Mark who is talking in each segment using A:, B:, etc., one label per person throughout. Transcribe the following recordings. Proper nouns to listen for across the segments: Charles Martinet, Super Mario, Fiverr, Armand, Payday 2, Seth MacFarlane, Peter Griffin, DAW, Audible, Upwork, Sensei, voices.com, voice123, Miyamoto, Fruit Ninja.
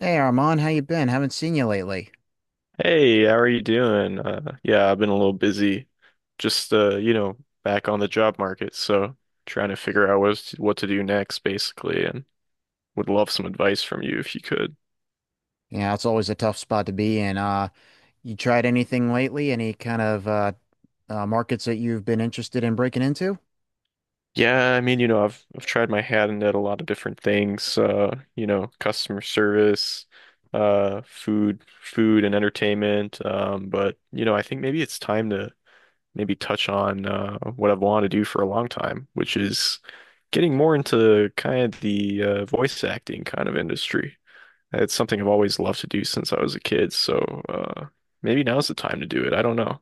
A: Hey Armand, how you been? Haven't seen you lately.
B: Hey, how are you doing? Yeah, I've been a little busy, just back on the job market, so trying to figure out what to do next, basically, and would love some advice from you if you could.
A: Yeah, it's always a tough spot to be in. You tried anything lately? Any kind of markets that you've been interested in breaking into? Is
B: Yeah, I mean, I've tried my hand at a lot of different things, customer service, food and entertainment, but I think maybe it's time to maybe touch on what I've wanted to do for a long time, which is getting more into kind of the voice acting kind of industry. It's something I've always loved to do since I was a kid, so uh, maybe now's the time to do it. I don't know.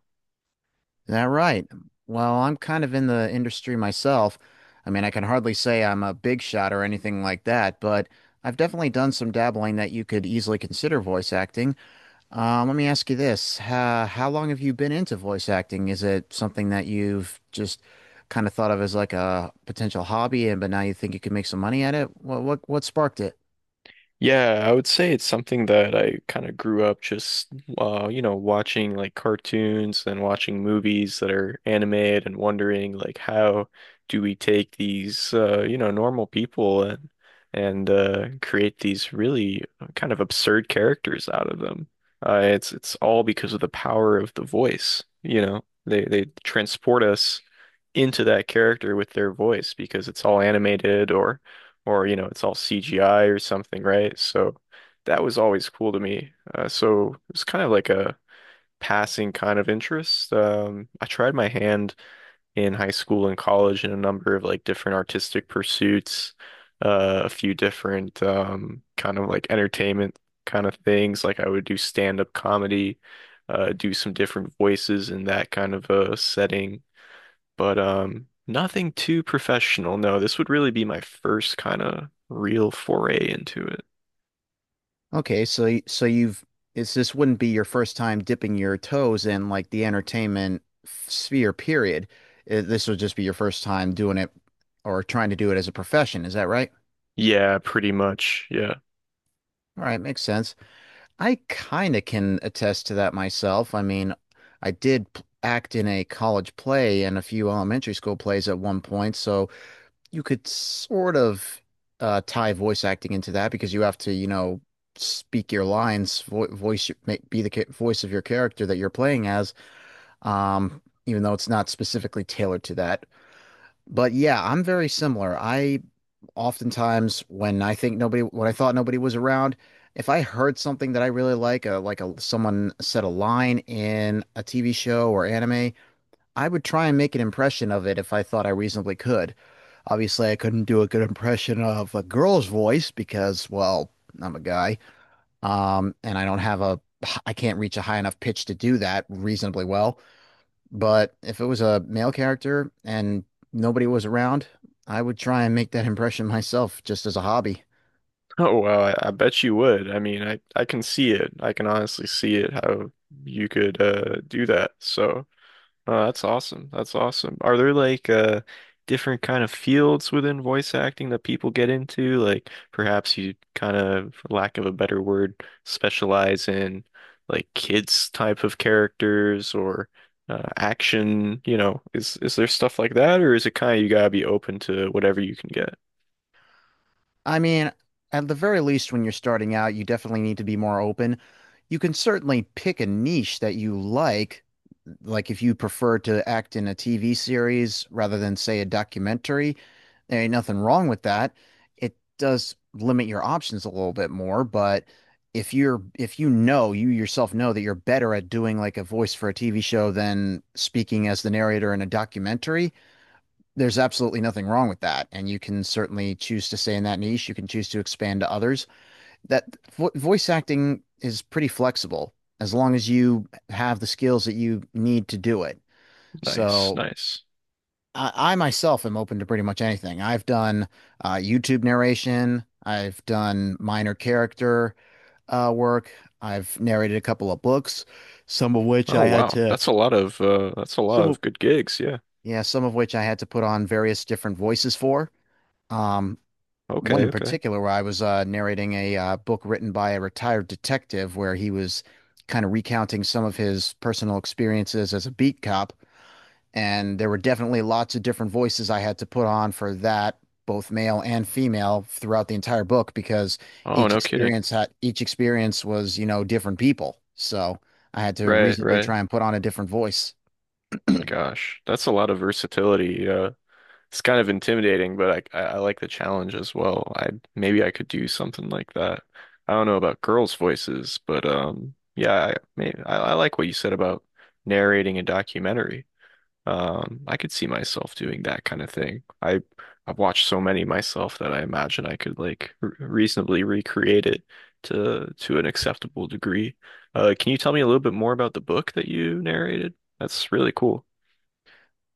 A: That right? Well, I'm kind of in the industry myself. I mean, I can hardly say I'm a big shot or anything like that, but I've definitely done some dabbling that you could easily consider voice acting. Let me ask you this. How long have you been into voice acting? Is it something that you've just kind of thought of as like a potential hobby and but now you think you could make some money at it? What sparked it?
B: Yeah, I would say it's something that I kind of grew up just watching like cartoons and watching movies that are animated and wondering like how do we take these, normal people and and create these really kind of absurd characters out of them. It's all because of the power of the voice. They transport us into that character with their voice because it's all animated or or it's all CGI or something, right? So that was always cool to me. So it was kind of like a passing kind of interest. I tried my hand in high school and college in a number of like different artistic pursuits, a few different kind of like entertainment kind of things. Like I would do stand-up comedy, do some different voices in that kind of a setting but nothing too professional. No, this would really be my first kind of real foray into it.
A: Okay, so you've it's this wouldn't be your first time dipping your toes in like the entertainment sphere period. This would just be your first time doing it or trying to do it as a profession, is that right?
B: Yeah, pretty much. Yeah.
A: All right, makes sense. I kind of can attest to that myself. I mean, I act in a college play and a few elementary school plays at one point, so you could sort of tie voice acting into that because you have to, you know, speak your lines, vo voice, be the ca voice of your character that you're playing as, even though it's not specifically tailored to that. But yeah, I'm very similar. I Oftentimes when I thought nobody was around, if I heard something that I really like a someone said a line in a TV show or anime, I would try and make an impression of it if I thought I reasonably could. Obviously, I couldn't do a good impression of a girl's voice because, well, I'm a guy, and I don't have a, I can't reach a high enough pitch to do that reasonably well. But if it was a male character and nobody was around, I would try and make that impression myself just as a hobby.
B: Oh, well, I bet you would. I mean, I can see it. I can honestly see it how you could do that. So oh, that's awesome. That's awesome. Are there like different kind of fields within voice acting that people get into? Like perhaps you kind of, for lack of a better word, specialize in like kids type of characters or action, you know, is there stuff like that or is it kind of you gotta be open to whatever you can get?
A: I mean, at the very least, when you're starting out, you definitely need to be more open. You can certainly pick a niche that you like if you prefer to act in a TV series rather than say a documentary, there ain't nothing wrong with that. It does limit your options a little bit more, but if you know you yourself know that you're better at doing like a voice for a TV show than speaking as the narrator in a documentary, there's absolutely nothing wrong with that. And you can certainly choose to stay in that niche. You can choose to expand to others. That vo Voice acting is pretty flexible as long as you have the skills that you need to do it.
B: Nice,
A: So
B: nice.
A: I myself am open to pretty much anything. I've done YouTube narration, I've done minor character work, I've narrated a couple of books, some of which
B: Oh
A: I had
B: wow.
A: to
B: That's a lot of that's a
A: some
B: lot
A: of
B: of good gigs, yeah.
A: yeah, some of which I had to put on various different voices for. Um, One
B: Okay,
A: in
B: okay.
A: particular where I was narrating a book written by a retired detective where he was kind of recounting some of his personal experiences as a beat cop. And there were definitely lots of different voices I had to put on for that, both male and female, throughout the entire book because
B: Oh, no kidding.
A: each experience was, you know, different people. So I had to
B: Right,
A: reasonably
B: right.
A: try and put on a different voice.
B: Gosh, that's a lot of versatility. It's kind of intimidating, but I like the challenge as well. I maybe I could do something like that. I don't know about girls' voices, but yeah, maybe I like what you said about narrating a documentary. I could see myself doing that kind of thing. I I've watched so many myself that I imagine I could like re reasonably recreate it to an acceptable degree. Can you tell me a little bit more about the book that you narrated? That's really cool.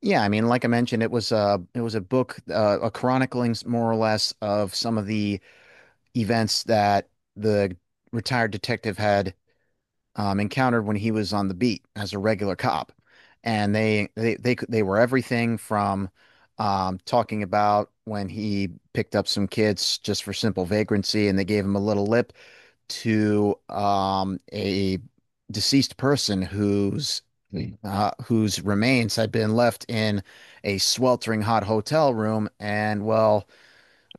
A: Yeah, I mean, like I mentioned, it was a book, a chronicling more or less of some of the events that the retired detective had encountered when he was on the beat as a regular cop, and they were everything from talking about when he picked up some kids just for simple vagrancy and they gave him a little lip to a deceased person whose whose remains had been left in a sweltering hot hotel room, and well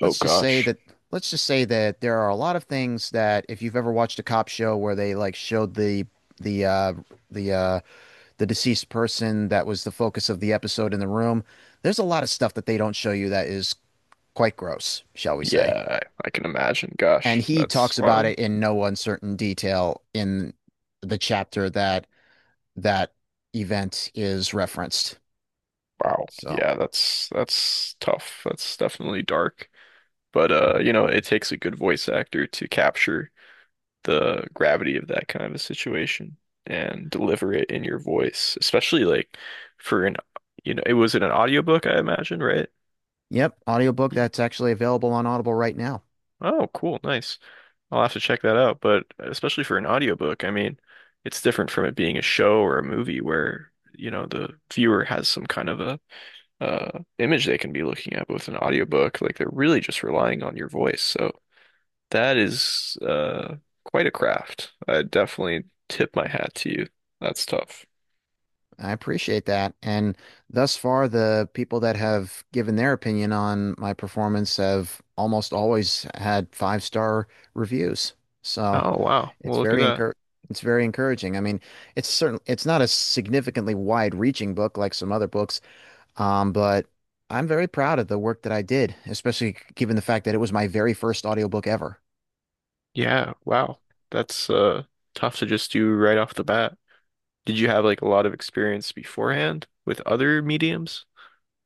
B: Oh
A: let's just say
B: gosh.
A: that there are a lot of things that if you've ever watched a cop show where they like showed the uh the uh the deceased person that was the focus of the episode in the room, there's a lot of stuff that they don't show you that is quite gross, shall we say.
B: Yeah, I can imagine.
A: And
B: Gosh,
A: he
B: that's
A: talks about
B: wild.
A: it in no uncertain detail in the chapter that that event is referenced.
B: Wow.
A: So,
B: Yeah, that's tough. That's definitely dark. But it takes a good voice actor to capture the gravity of that kind of a situation and deliver it in your voice, especially like for an, you know, it was in an audiobook, I imagine, right?
A: yep, audiobook that's actually available on Audible right now.
B: Oh, cool. Nice. I'll have to check that out. But especially for an audiobook, I mean, it's different from it being a show or a movie where, you know, the viewer has some kind of a image they can be looking at. But with an audiobook, like they're really just relying on your voice. So that is quite a craft. I definitely tip my hat to you. That's tough.
A: I appreciate that. And thus far, the people that have given their opinion on my performance have almost always had five-star reviews. So
B: Oh, wow. Well,
A: it's
B: look at
A: very
B: that.
A: encour it's very encouraging. I mean, it's not a significantly wide reaching book like some other books, but I'm very proud of the work that I did, especially given the fact that it was my very first audiobook ever.
B: Yeah, wow. That's tough to just do right off the bat. Did you have like a lot of experience beforehand with other mediums?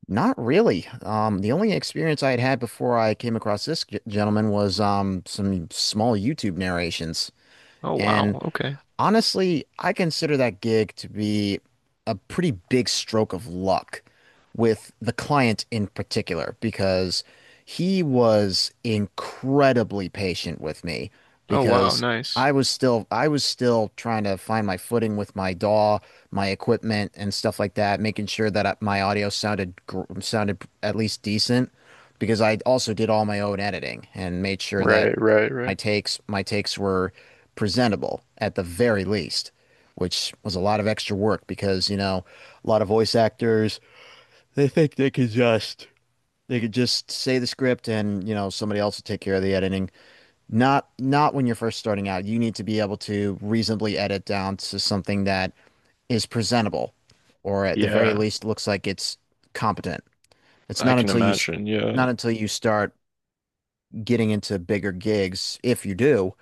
A: Not really. The only experience I had had before I came across this gentleman was some small YouTube narrations.
B: Oh
A: And
B: wow, okay.
A: Honestly, I consider that gig to be a pretty big stroke of luck with the client in particular because he was incredibly patient with me
B: Oh wow,
A: because
B: nice.
A: I was still trying to find my footing with my DAW, my equipment and stuff like that, making sure that my audio sounded at least decent because I also did all my own editing and made sure that
B: Right, right, right.
A: my takes were presentable at the very least, which was a lot of extra work because, you know, a lot of voice actors, they think they could just say the script and, you know, somebody else will take care of the editing. Not when you're first starting out. You need to be able to reasonably edit down to something that is presentable or at the very
B: Yeah,
A: least looks like it's competent. It's
B: I
A: not
B: can
A: until you
B: imagine. Yeah.
A: Not until you start getting into bigger gigs, if you do,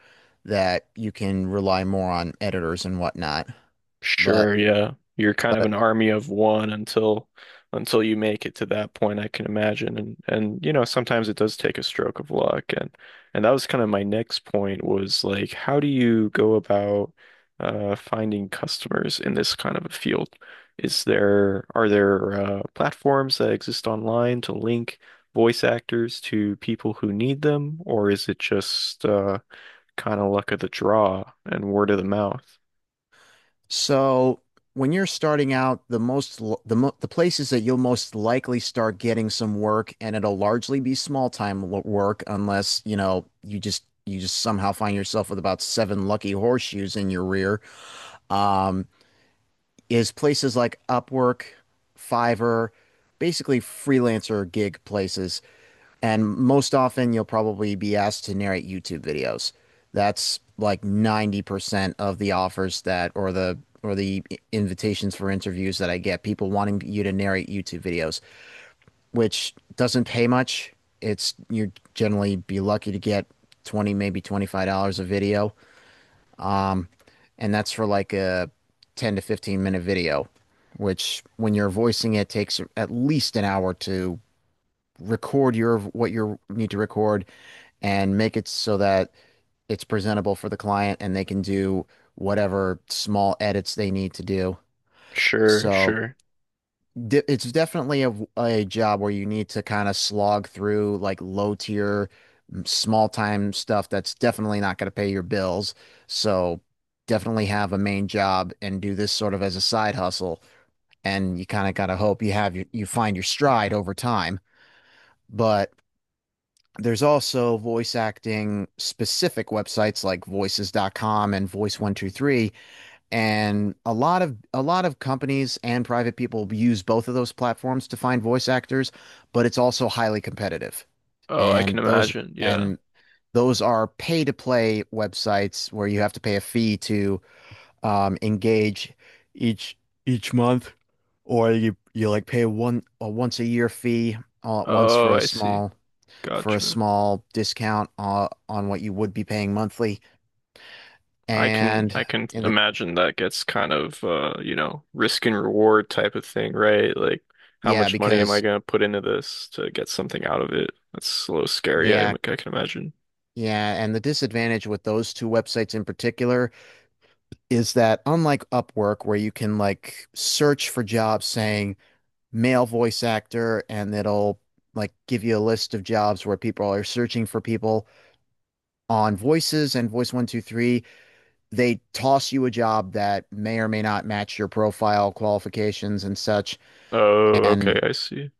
A: that you can rely more on editors and whatnot. But
B: Sure, yeah. You're kind
A: but
B: of an army of one until you make it to that point, I can imagine. And you know, sometimes it does take a stroke of luck. And that was kind of my next point was like, how do you go about finding customers in this kind of a field? Is there Are there platforms that exist online to link voice actors to people who need them, or is it just kind of luck of the draw and word of the mouth?
A: So when you're starting out, the most l- the mo the places that you'll most likely start getting some work, and it'll largely be small time work, unless you know you just somehow find yourself with about seven lucky horseshoes in your rear. Um, is places like Upwork, Fiverr, basically freelancer gig places. And most often, you'll probably be asked to narrate YouTube videos. That's like 90% of the offers that, or the invitations for interviews that I get, people wanting you to narrate YouTube videos, which doesn't pay much. You're generally be lucky to get 20, maybe $25 a video. Um, and that's for like a 10 to 15 minute video, which when you're voicing it takes at least an hour to what you need to record and make it so that it's presentable for the client and they can do whatever small edits they need to do.
B: Sure,
A: So
B: sure.
A: it's definitely a job where you need to kind of slog through like low tier, small time stuff that's definitely not going to pay your bills. So definitely have a main job and do this sort of as a side hustle. And you kind of got to hope you find your stride over time. But There's also voice acting specific websites like voices.com and voice123 and a lot of companies and private people use both of those platforms to find voice actors, but it's also highly competitive.
B: Oh, I
A: And
B: can
A: those
B: imagine. Yeah.
A: and those are pay to play websites where you have to pay a fee to engage each each month or you like pay one a once a year fee all at once
B: Oh, I see.
A: for a
B: Gotcha.
A: small discount on what you would be paying monthly.
B: I
A: And
B: can
A: in the
B: imagine that gets kind of risk and reward type of thing, right? Like how
A: Yeah,
B: much money am I
A: because
B: gonna put into this to get something out of it? That's a little scary,
A: yeah,
B: I can imagine.
A: yeah, and the disadvantage with those two websites in particular is that unlike Upwork, where you can like search for jobs saying male voice actor and it'll like give you a list of jobs where people are searching for people, on voices and voice 123 they toss you a job that may or may not match your profile qualifications and such.
B: Oh,
A: And
B: okay, I see.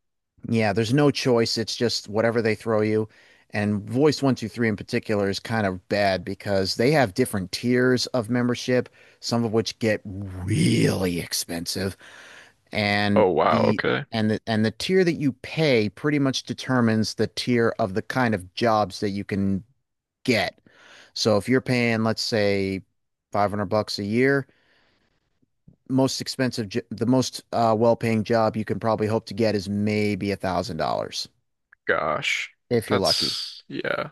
A: Yeah, there's no choice. It's just whatever they throw you. And Voice 123 in particular is kind of bad because they have different tiers of membership, some of which get really expensive. And
B: Oh, wow,
A: the
B: okay.
A: and the tier that you pay pretty much determines the tier of the kind of jobs that you can get. So if you're paying, let's say, $500 a year, most expensive, the most well-paying job you can probably hope to get is maybe $1,000
B: Gosh.
A: if you're lucky.
B: That's yeah,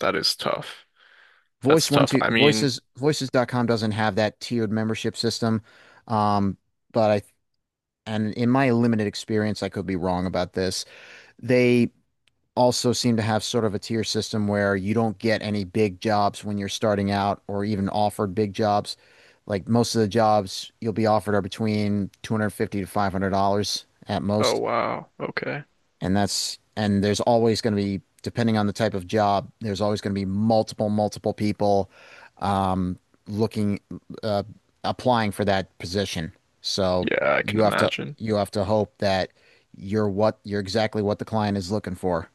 B: that is tough. That's
A: Voice one
B: tough.
A: two
B: I mean,
A: voices voices.com doesn't have that tiered membership system. Um, but I and in my limited experience, I could be wrong about this. They also seem to have sort of a tier system where you don't get any big jobs when you're starting out or even offered big jobs. Like most of the jobs you'll be offered are between 250 to $500 at
B: oh
A: most.
B: wow, okay.
A: And that's, and there's always going to be, depending on the type of job, there's always going to be multiple people um, looking, uh, applying for that position. So
B: Yeah, I
A: you
B: can
A: have to,
B: imagine.
A: you have to hope that you're exactly what the client is looking for.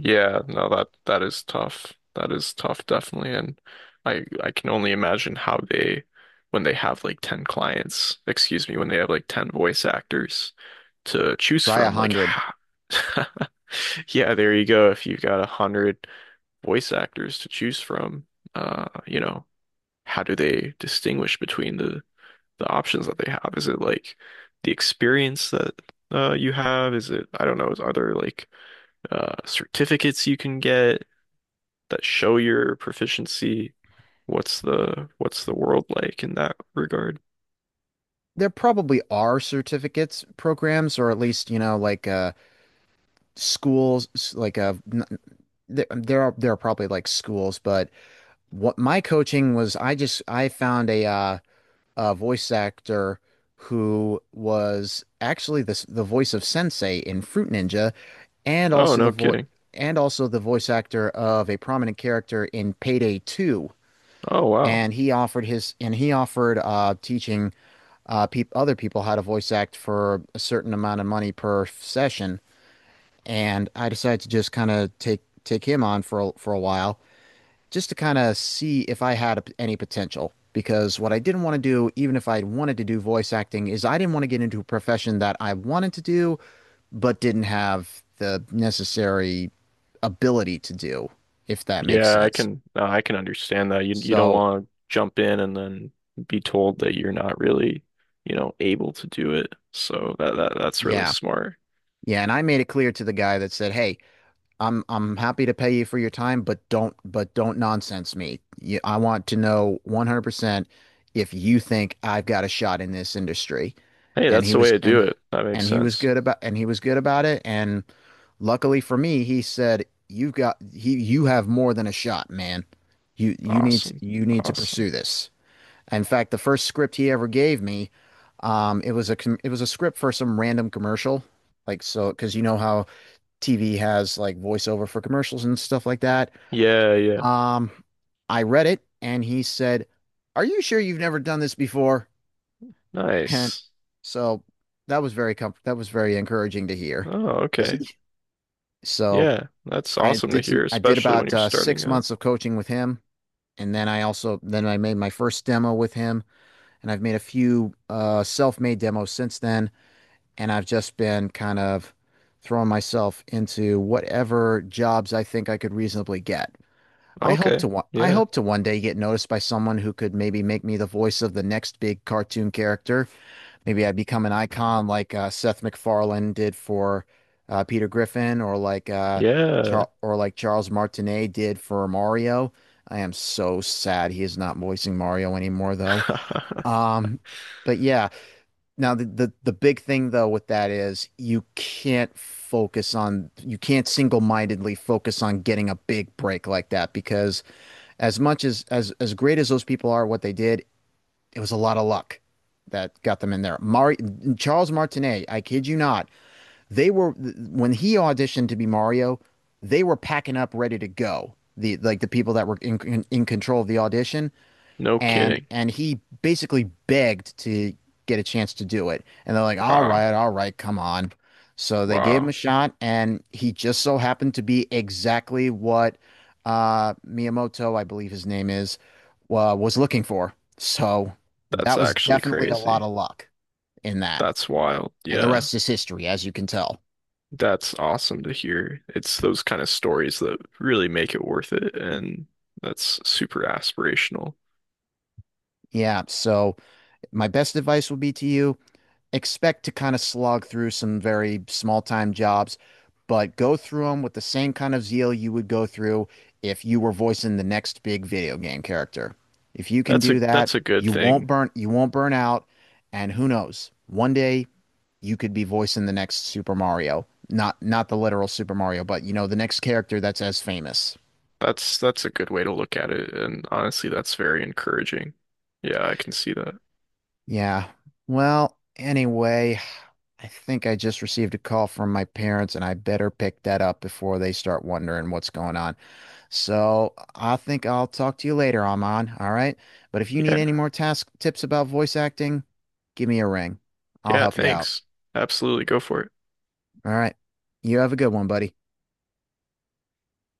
B: Yeah, no, that is tough. That is tough, definitely. And I can only imagine how they when they have like 10 clients, excuse me, when they have like 10 voice actors to choose
A: Try a
B: from, like
A: hundred.
B: yeah, there you go. If you've got 100 voice actors to choose from, uh, you know, how do they distinguish between the options that they have? Is it like the experience that you have? Is it, I don't know, is are there like certificates you can get that show your proficiency? What's the world like in that regard?
A: There probably are certificates programs, or at least, you know, like schools, like a, there, there are probably like schools, but what my coaching was, I found a voice actor who was actually the voice of Sensei in Fruit Ninja, and
B: Oh,
A: also the
B: no
A: vo
B: kidding.
A: and also the voice actor of a prominent character in Payday 2.
B: Oh, wow.
A: And he offered teaching peop other people how to voice act for a certain amount of money per session. And I decided to just kind of take him on for for a while, just to kind of see if I had any potential. Because what I didn't want to do, even if I wanted to do voice acting, is I didn't want to get into a profession that I wanted to do, but didn't have the necessary ability to do, if that makes
B: Yeah,
A: sense.
B: I can understand that. You don't
A: So,
B: want to jump in and then be told that you're not really, you know, able to do it. So that's really
A: yeah.
B: smart.
A: Yeah. And I made it clear to the guy that said, "Hey, I'm happy to pay you for your time, but don't nonsense me. You, I want to know 100% if you think I've got a shot in this industry."
B: Hey,
A: And
B: that's
A: he
B: the way
A: was
B: to
A: and
B: do it. That makes
A: and he was
B: sense.
A: good about and he was good about it. And luckily for me, he said, "You've got he you have more than a shot, man.
B: Awesome.
A: You need to
B: Awesome.
A: pursue this." In fact, the first script he ever gave me, it was a script for some random commercial. Like so, because you know how TV has like voiceover for commercials and stuff like that.
B: Yeah, yeah.
A: Um, I read it and he said, "Are you sure you've never done this before?" And
B: Nice.
A: so that was very com that was very encouraging to hear
B: Oh,
A: because
B: okay.
A: he so
B: Yeah, that's
A: I
B: awesome to
A: did some
B: hear,
A: I did
B: especially when
A: about
B: you're starting
A: six
B: out.
A: months of coaching with him, and then I also then I made my first demo with him, and I've made a few self-made demos since then, and I've just been kind of throwing myself into whatever jobs I think I could reasonably get.
B: Okay.
A: I
B: Yeah.
A: hope to one day get noticed by someone who could maybe make me the voice of the next big cartoon character. Maybe I become an icon like Seth MacFarlane did for Peter Griffin, or like
B: Yeah.
A: Char or like Charles Martinet did for Mario. I am so sad he is not voicing Mario anymore, though. Um, but yeah, now the big thing though with that is you can't single-mindedly focus on getting a big break like that, because as great as those people are, what they did, it was a lot of luck that got them in there. Mari Charles Martinet, I kid you not, they were when he auditioned to be Mario, they were packing up ready to go. The, like the people that were in control of the audition,
B: No
A: and
B: kidding.
A: he basically begged to get a chance to do it. And they're like,
B: Wow.
A: all right, come on." So they gave him a
B: Wow.
A: shot, and he just so happened to be exactly what Miyamoto, I believe his name is, wa was looking for. So that
B: That's
A: was
B: actually
A: definitely a lot
B: crazy.
A: of luck in that.
B: That's wild.
A: And the
B: Yeah.
A: rest is history, as you can tell.
B: That's awesome to hear. It's those kind of stories that really make it worth it, and that's super aspirational.
A: Yeah, so my best advice would be to you: expect to kind of slog through some very small time jobs, but go through them with the same kind of zeal you would go through if you were voicing the next big video game character. If you can do that,
B: That's a good thing.
A: you won't burn out, and who knows, one day you could be voicing the next Super Mario. Not the literal Super Mario, but you know, the next character that's as famous.
B: That's a good way to look at it, and honestly, that's very encouraging. Yeah, I can see that.
A: Yeah. Well, anyway, I think I just received a call from my parents, and I better pick that up before they start wondering what's going on. So I think I'll talk to you later, Aman. All right. But if you need
B: Yeah.
A: any more task tips about voice acting, give me a ring. I'll
B: Yeah,
A: help you out.
B: thanks. Absolutely. Go for it.
A: All right. You have a good one, buddy.